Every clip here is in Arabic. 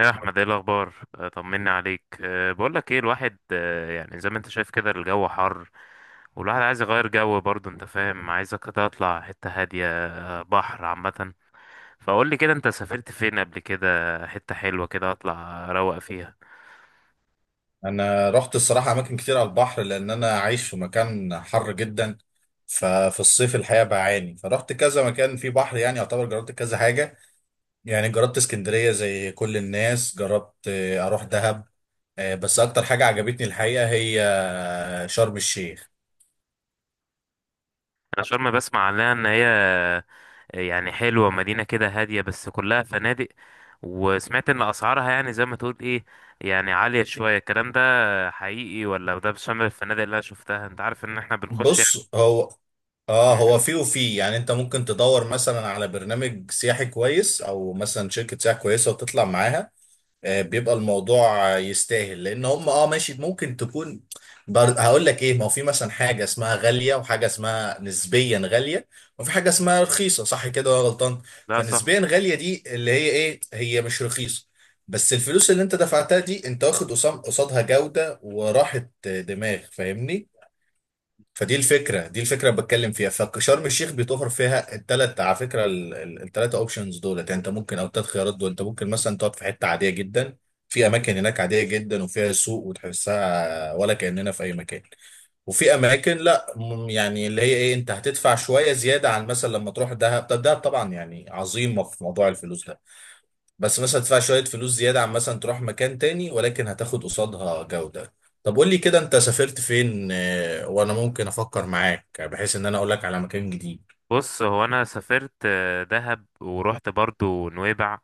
يا احمد، ايه الاخبار؟ طمني عليك. بقول لك ايه، الواحد يعني زي ما انت شايف كده الجو حر، والواحد عايز يغير جو برضه، انت فاهم؟ عايزك كده اطلع حته هاديه، بحر عامه. فقول لي كده، انت سافرت فين قبل كده؟ حته حلوه كده اطلع اروق فيها. انا رحت الصراحه اماكن كتير على البحر، لان انا عايش في مكان حر جدا. ففي الصيف الحقيقه بعاني، فرحت كذا مكان فيه بحر، يعني يعتبر جربت كذا حاجه. يعني جربت اسكندريه زي كل الناس، جربت اروح دهب. بس اكتر حاجه عجبتني الحقيقه هي شرم الشيخ. انا شرم بسمع عنها ان هي يعني حلوه، مدينه كده هاديه بس كلها فنادق. وسمعت ان اسعارها يعني زي ما تقول ايه، يعني عالية شوية. الكلام ده حقيقي، ولا ده بشمل الفنادق اللي انا شفتها؟ انت عارف ان احنا بنخش. بص، هو مم. فيه وفيه. يعني انت ممكن تدور مثلا على برنامج سياحي كويس، او مثلا شركه سياحه كويسه وتطلع معاها. بيبقى الموضوع يستاهل، لان هم ماشي، ممكن تكون. هقول لك ايه، ما هو في مثلا حاجه اسمها غاليه، وحاجه اسمها نسبيا غاليه، وفي حاجه اسمها رخيصه، صح كده ولا غلطان؟ لا، صح. فنسبيا غاليه دي اللي هي ايه، هي مش رخيصه، بس الفلوس اللي انت دفعتها دي انت واخد قصادها جوده وراحه دماغ، فاهمني؟ فدي الفكره اللي بتكلم فيها. فشرم الشيخ بيتوفر فيها الثلاث، على فكره الثلاثه اوبشنز دولت يعني انت ممكن، او الثلاث خيارات دول، انت ممكن مثلا تقعد في حته عاديه جدا. في اماكن هناك عاديه جدا، وفيها سوق وتحسها ولا كاننا في اي مكان. وفي اماكن لا يعني اللي هي ايه، انت هتدفع شويه زياده عن مثلا لما تروح دهب. طب دهب طبعا يعني عظيمه في موضوع الفلوس ده، بس مثلا تدفع شوية فلوس زيادة عن مثلا تروح مكان تاني، ولكن هتاخد قصادها جودة. طب قول لي كده، انت سافرت فين؟ وانا ممكن افكر معاك، بحيث ان انا اقول لك على مكان جديد. بص هو انا سافرت دهب، ورحت برضو نويبع،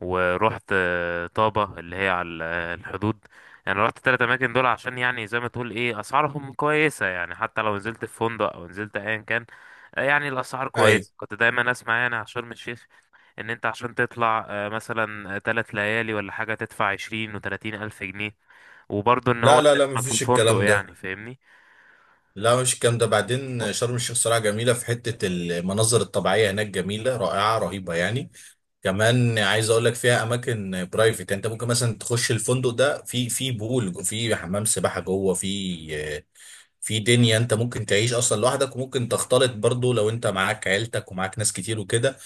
ورحت طابة اللي هي على الحدود. يعني رحت تلات اماكن دول عشان يعني زي ما تقول ايه اسعارهم كويسة، يعني حتى لو نزلت في فندق او نزلت ايا كان، يعني الاسعار ايوه. كويسة. كنت دايما اسمع يعني على شرم الشيخ ان انت عشان تطلع مثلا 3 ليالي ولا حاجة تدفع 20 و30 ألف جنيه، وبرضو ان هو لا لا انت لا، اسمك في مفيش الفندق، الكلام ده. يعني فاهمني. لا مش الكلام ده. بعدين شرم الشيخ صراحة جميلة، في حتة المناظر الطبيعية هناك جميلة رائعة رهيبة يعني. كمان عايز اقول لك فيها اماكن برايفت، يعني انت ممكن مثلا تخش الفندق ده، في بول، في حمام سباحه جوه، آه، في دنيا. انت ممكن تعيش اصلا لوحدك، وممكن تختلط برضو لو انت معاك عيلتك ومعاك ناس كتير وكده،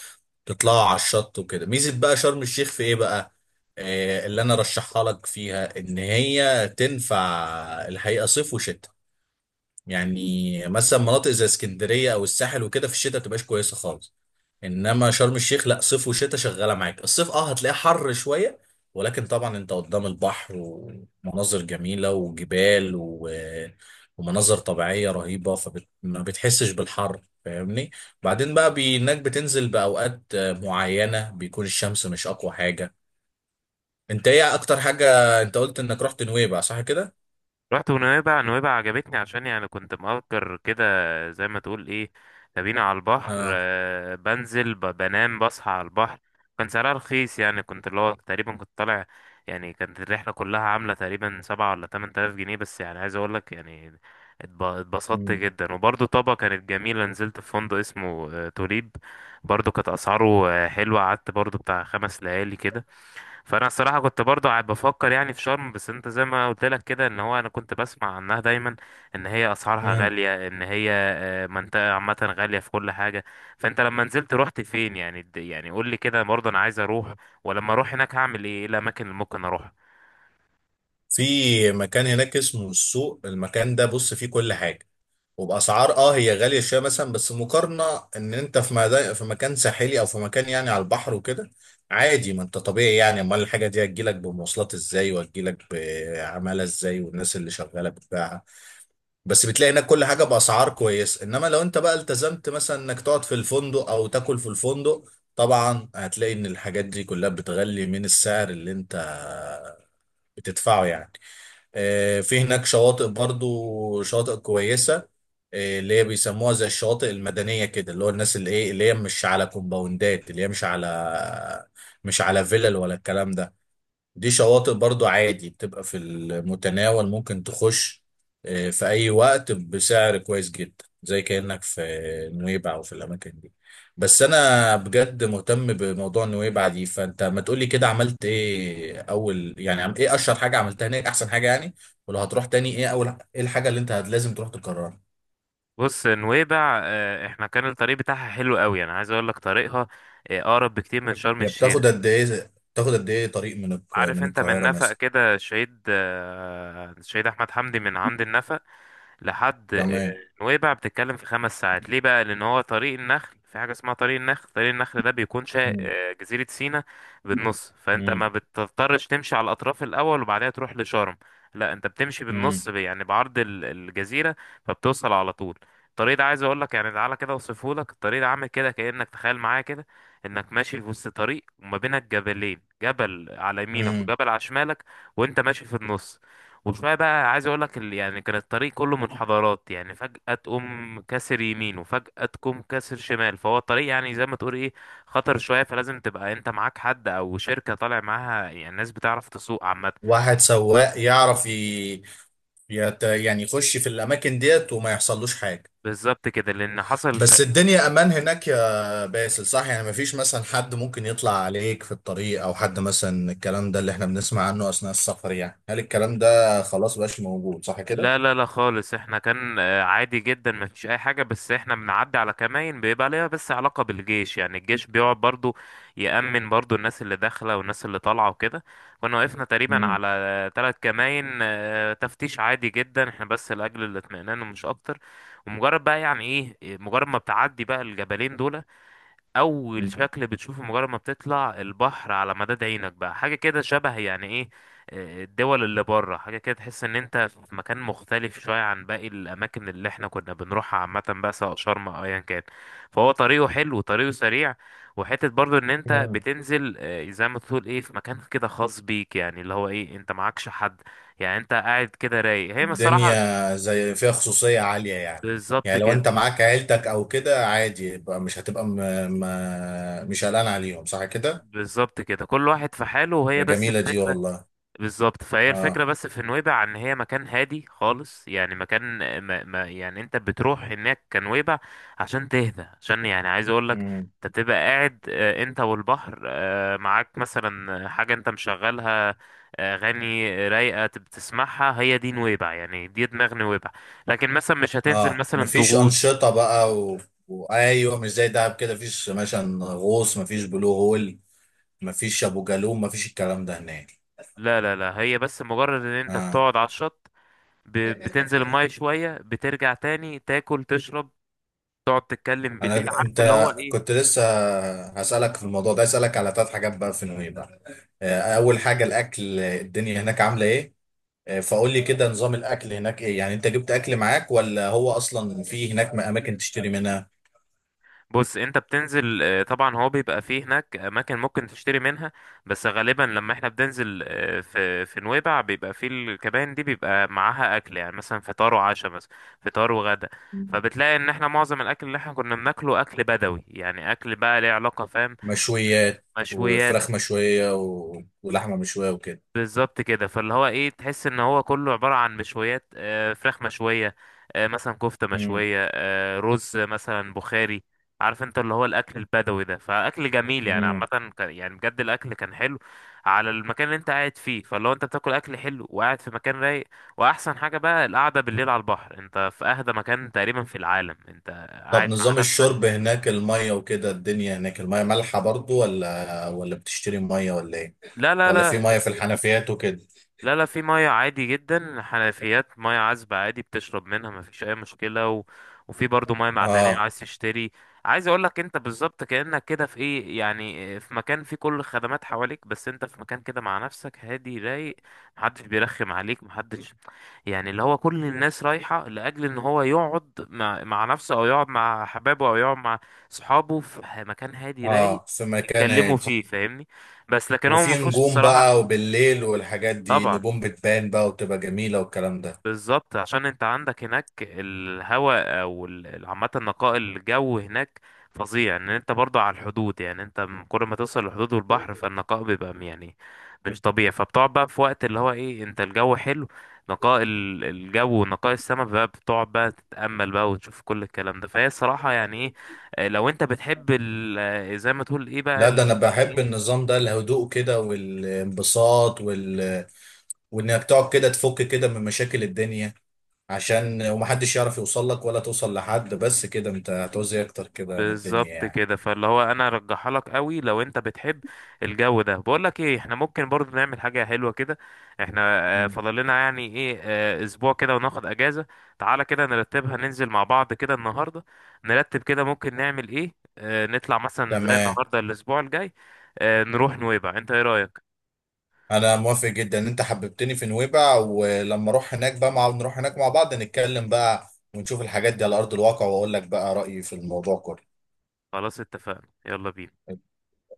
تطلعوا على الشط وكده. ميزة بقى شرم الشيخ في ايه بقى؟ اللي انا رشحها لك فيها ان هي تنفع الحقيقة صيف وشتاء. يعني مثلا مناطق زي اسكندرية او الساحل وكده في الشتاء تبقاش كويسة خالص، انما شرم الشيخ لا، صيف وشتاء شغاله معاك. الصيف هتلاقيه حر شويه، ولكن طبعا انت قدام البحر، ومناظر جميله وجبال ومناظر طبيعيه رهيبه، فما بتحسش بالحر، فاهمني؟ بعدين بقى انك بتنزل باوقات معينه، بيكون الشمس مش اقوى حاجه. انت ايه اكتر حاجه؟ انت قلت انك رحت نويبع، صح كده؟ رحت ونويبع، نويبع عجبتني عشان يعني كنت مأجر كده زي ما تقول ايه كابينة على البحر. اه. بنزل، بنام، بصحى على البحر. كان سعرها رخيص، يعني كنت اللي هو تقريبا كنت طالع يعني. كانت الرحلة كلها عاملة تقريبا 7 ولا 8 تلاف جنيه بس، يعني عايز أقولك، يعني اتبسطت مم. جدا. وبرضه طابة كانت جميلة، نزلت في فندق اسمه توليب، برضه كانت أسعاره حلوة. قعدت برضه بتاع 5 ليالي كده. فانا الصراحه كنت برضه قاعد بفكر يعني في شرم، بس انت زي ما قلت لك كده ان هو انا كنت بسمع عنها دايما ان هي اسعارها مم. غاليه، ان هي منطقه عامه غاليه في كل حاجه. فانت لما نزلت رحت فين يعني؟ يعني قول لي كده برضه، انا عايز اروح، ولما اروح هناك هعمل ايه؟ ايه الاماكن اللي ممكن اروحها؟ في مكان هناك اسمه السوق، المكان ده بص فيه كل حاجه. وباسعار هي غاليه شويه مثلا، بس مقارنه ان انت في مكان ساحلي او في مكان يعني على البحر وكده، عادي، ما انت طبيعي يعني. امال الحاجه دي هتجيلك بمواصلات ازاي، وهتجيلك بعماله ازاي، والناس اللي شغاله بتبيعها؟ بس بتلاقي هناك كل حاجه باسعار كويس. انما لو انت بقى التزمت مثلا انك تقعد في الفندق او تاكل في الفندق، طبعا هتلاقي ان الحاجات دي كلها بتغلي من السعر اللي انت بتدفعه يعني. في هناك شواطئ برضو، شواطئ كويسة. اللي هي بيسموها زي الشواطئ المدنية كده، اللي هو الناس اللي ايه، اللي هي مش على كومباوندات، اللي هي مش على فيلل ولا الكلام ده. دي شواطئ برضو عادي، بتبقى في المتناول، ممكن تخش في أي وقت بسعر كويس جدا، زي كأنك في نويبع أو في الأماكن دي. بس أنا بجد مهتم بموضوع نويبع دي، فأنت ما تقولي كده، عملت إيه أول، يعني إيه أشهر حاجة عملتها هناك، أحسن حاجة يعني، ولو هتروح تاني إيه أول، إيه الحاجة اللي أنت لازم تروح تكررها؟ بص نويبع احنا كان الطريق بتاعها حلو قوي. انا عايز اقول لك طريقها اقرب بكتير من شرم هي الشيخ. بتاخد قد إيه، بتاخد قد إيه طريق عارف من انت من القاهرة نفق مثلا؟ كده الشهيد الشهيد احمد حمدي، من عند النفق لحد تمام. نويبع بتتكلم في 5 ساعات. ليه بقى؟ لان هو طريق النخل، في حاجه اسمها طريق النخل. طريق النخل ده بيكون شا... مم. آه، جزيره سيناء بالنص. فانت ما بتضطرش تمشي على الاطراف الاول وبعدها تروح لشرم، لا انت بتمشي بالنص، مم. يعني بعرض الجزيره، فبتوصل على طول. الطريق ده عايز اقول لك يعني، تعالى كده اوصفه لك. الطريق ده عامل كده كانك تخيل معايا كده انك ماشي في وسط طريق وما بينك جبلين، جبل على يمينك مم. وجبل على شمالك، وانت ماشي في النص. وشويه بقى عايز اقول لك يعني، كان الطريق كله منحدرات، يعني فجأة تقوم كاسر يمين وفجأة تقوم كاسر شمال. فهو الطريق يعني زي ما تقول ايه خطر شويه، فلازم تبقى انت معاك حد او شركه طالع معاها، يعني ناس بتعرف تسوق عامه. واحد سواق يعرف يعني يخش في الاماكن ديت، وما يحصلوش حاجه. بالظبط كده، لان حصل. بس الدنيا امان هناك يا باسل، صح؟ يعني مفيش مثلا حد ممكن يطلع عليك في الطريق، او حد مثلا الكلام ده اللي احنا بنسمع عنه اثناء السفر، يعني هل الكلام ده خلاص بقاش موجود، صح لا كده؟ لا لا خالص، احنا كان عادي جدا ما فيش اي حاجة. بس احنا بنعدي على كمائن، بيبقى ليها بس علاقة بالجيش. يعني الجيش بيقعد برضو يأمن برضو الناس اللي داخلة والناس اللي طالعة وكده. كنا وقفنا تقريبا مم. على 3 كمائن تفتيش عادي جدا، احنا بس لأجل الاطمئنان ومش اكتر. ومجرد بقى يعني ايه، مجرد ما بتعدي بقى الجبلين دول، اول شكل بتشوفه مجرد ما بتطلع البحر على مداد عينك بقى، حاجه كده شبه يعني ايه الدول اللي بره، حاجه كده تحس ان انت في مكان مختلف شويه عن باقي الاماكن اللي احنا كنا بنروحها عامه بقى، سواء شرم او ايا كان. فهو طريقه حلو وطريقه سريع، وحته برضو ان انت مم. بتنزل زي ما تقول ايه في مكان كده خاص بيك، يعني اللي هو ايه انت معكش حد. يعني انت قاعد كده رايق، هي من الصراحه الدنيا زي فيها خصوصية عالية يعني. بالظبط يعني لو كده. انت معاك عيلتك او كده عادي، يبقى مش هتبقى مش قلقان عليهم، صح كده؟ بالظبط كده كل واحد في حاله، ده وهي بس جميلة دي، الفكره. والله. بالظبط، فهي اه. الفكرة بس في نويبع ان هي مكان هادي خالص، يعني مكان ما ما يعني انت بتروح هناك كنويبع عشان تهدى، عشان يعني عايز اقولك انت بتبقى قاعد انت والبحر، معاك مثلا حاجة انت مشغلها اغاني رايقة بتسمعها. هي دي نويبع، يعني دي دماغ نويبع. لكن مثلا مش هتنزل اه، مثلا مفيش تغوص، انشطه بقى وايوه مش زي دهب كده، مفيش مثلا غوص، مفيش بلو هول، مفيش ابو جالوم، مفيش الكلام ده هناك. لا لا لا، هي بس مجرد ان انت اه. بتقعد على الشط، ب- بتنزل المية شوية، بترجع تاني، تاكل، تشرب، تقعد تتكلم بالليل، انا عارف انت اللي هو ايه. كنت لسه هسالك في الموضوع ده، اسالك على ثلاث حاجات بقى في نويبع. مم. اول حاجه الاكل، الدنيا هناك عامله ايه؟ فقول لي كده، نظام الاكل هناك ايه يعني، انت جبت اكل معاك، ولا هو اصلا في هناك اماكن تشتري منها؟ بص انت بتنزل طبعا هو بيبقى فيه هناك اماكن ممكن تشتري منها. بس غالبا لما احنا بننزل في نويبع بيبقى فيه الكباين دي بيبقى معاها اكل، يعني مثلا فطار وعشاء، مثلا فطار وغدا. فبتلاقي ان احنا معظم الاكل اللي احنا كنا بناكله اكل بدوي، يعني اكل بقى ليه علاقة فاهم، مشويات. مشويات. وفراخ مشويه ولحمه مشويه وكده. بالظبط كده، فاللي هو ايه تحس ان هو كله عبارة عن مشويات، فراخ مشوية، مثلا كفتة مشوية، رز مثلا بخاري. عارف انت اللي هو الاكل البدوي ده، فاكل جميل يعني. عامة امم. يعني بجد الاكل كان حلو على المكان اللي انت قاعد فيه. فاللي هو انت بتاكل اكل حلو وقاعد في مكان رايق، واحسن حاجة بقى القعدة بالليل على البحر. انت في اهدى مكان تقريبا في العالم، انت طب قاعد مع نظام نفسك. الشرب هناك، المية وكده، الدنيا هناك المية مالحة برضو، ولا بتشتري مية، ولا ايه؟ لا لا ولا في لا. مية في الحنفيات وكده؟ لا لا في مية عادي جدا، حنفيات مية عذبة عادي بتشرب منها مفيش أي مشكلة. و... وفي برضو مية معدنية اه. عايز تشتري. عايز أقولك، أنت بالظبط كأنك كده في إيه يعني، في مكان فيه كل الخدمات حواليك بس أنت في مكان كده مع نفسك، هادي رايق، محدش بيرخم عليك، محدش. يعني اللي هو كل الناس رايحة لأجل إن هو يقعد مع نفسه، أو يقعد مع حبابه، أو يقعد مع صحابه في مكان هادي رايق اه، في مكان يتكلموا هادي. فيه، فاهمني؟ بس لكن هو وفي مفهوش نجوم بقى، الصراحة. وبالليل والحاجات دي طبعا، نجوم بتبان بقى، وتبقى جميلة والكلام ده؟ بالظبط عشان انت عندك هناك الهواء او عامة نقاء الجو هناك فظيع، ان انت برضو على الحدود. يعني انت كل ما توصل للحدود والبحر فالنقاء بيبقى يعني مش طبيعي. فبتقعد بقى في وقت اللي هو ايه، انت الجو حلو، نقاء الجو ونقاء السماء بقى، بتقعد بقى تتأمل بقى وتشوف كل الكلام ده. فهي الصراحة يعني ايه، اه، لو انت بتحب زي ما تقول ايه لا، بقى. ده انا بحب النظام ده، الهدوء كده والانبساط وانك تقعد كده تفك كده من مشاكل الدنيا، عشان ومحدش يعرف يوصل لك ولا توصل لحد. بس كده انت هتعوز إيه اكتر كده من الدنيا بالظبط يعني؟ كده، فاللي هو انا ارجحها لك قوي لو انت بتحب الجو ده. بقول لك ايه، احنا ممكن برضو نعمل حاجه حلوه كده، احنا مم. فاضل لنا يعني ايه اسبوع كده وناخد اجازه. تعالى كده نرتبها، ننزل مع بعض كده النهارده، نرتب كده ممكن نعمل ايه. نطلع مثلا زي تمام. النهارده الاسبوع الجاي، نروح نويبع. انت ايه رايك؟ انا موافق جدا، ان انت حببتني في نويبع، ولما اروح هناك بقى نروح هناك مع بعض، نتكلم بقى ونشوف الحاجات دي على ارض الواقع، واقول لك بقى رأيي في الموضوع كله. خلاص اتفقنا، يلا بينا.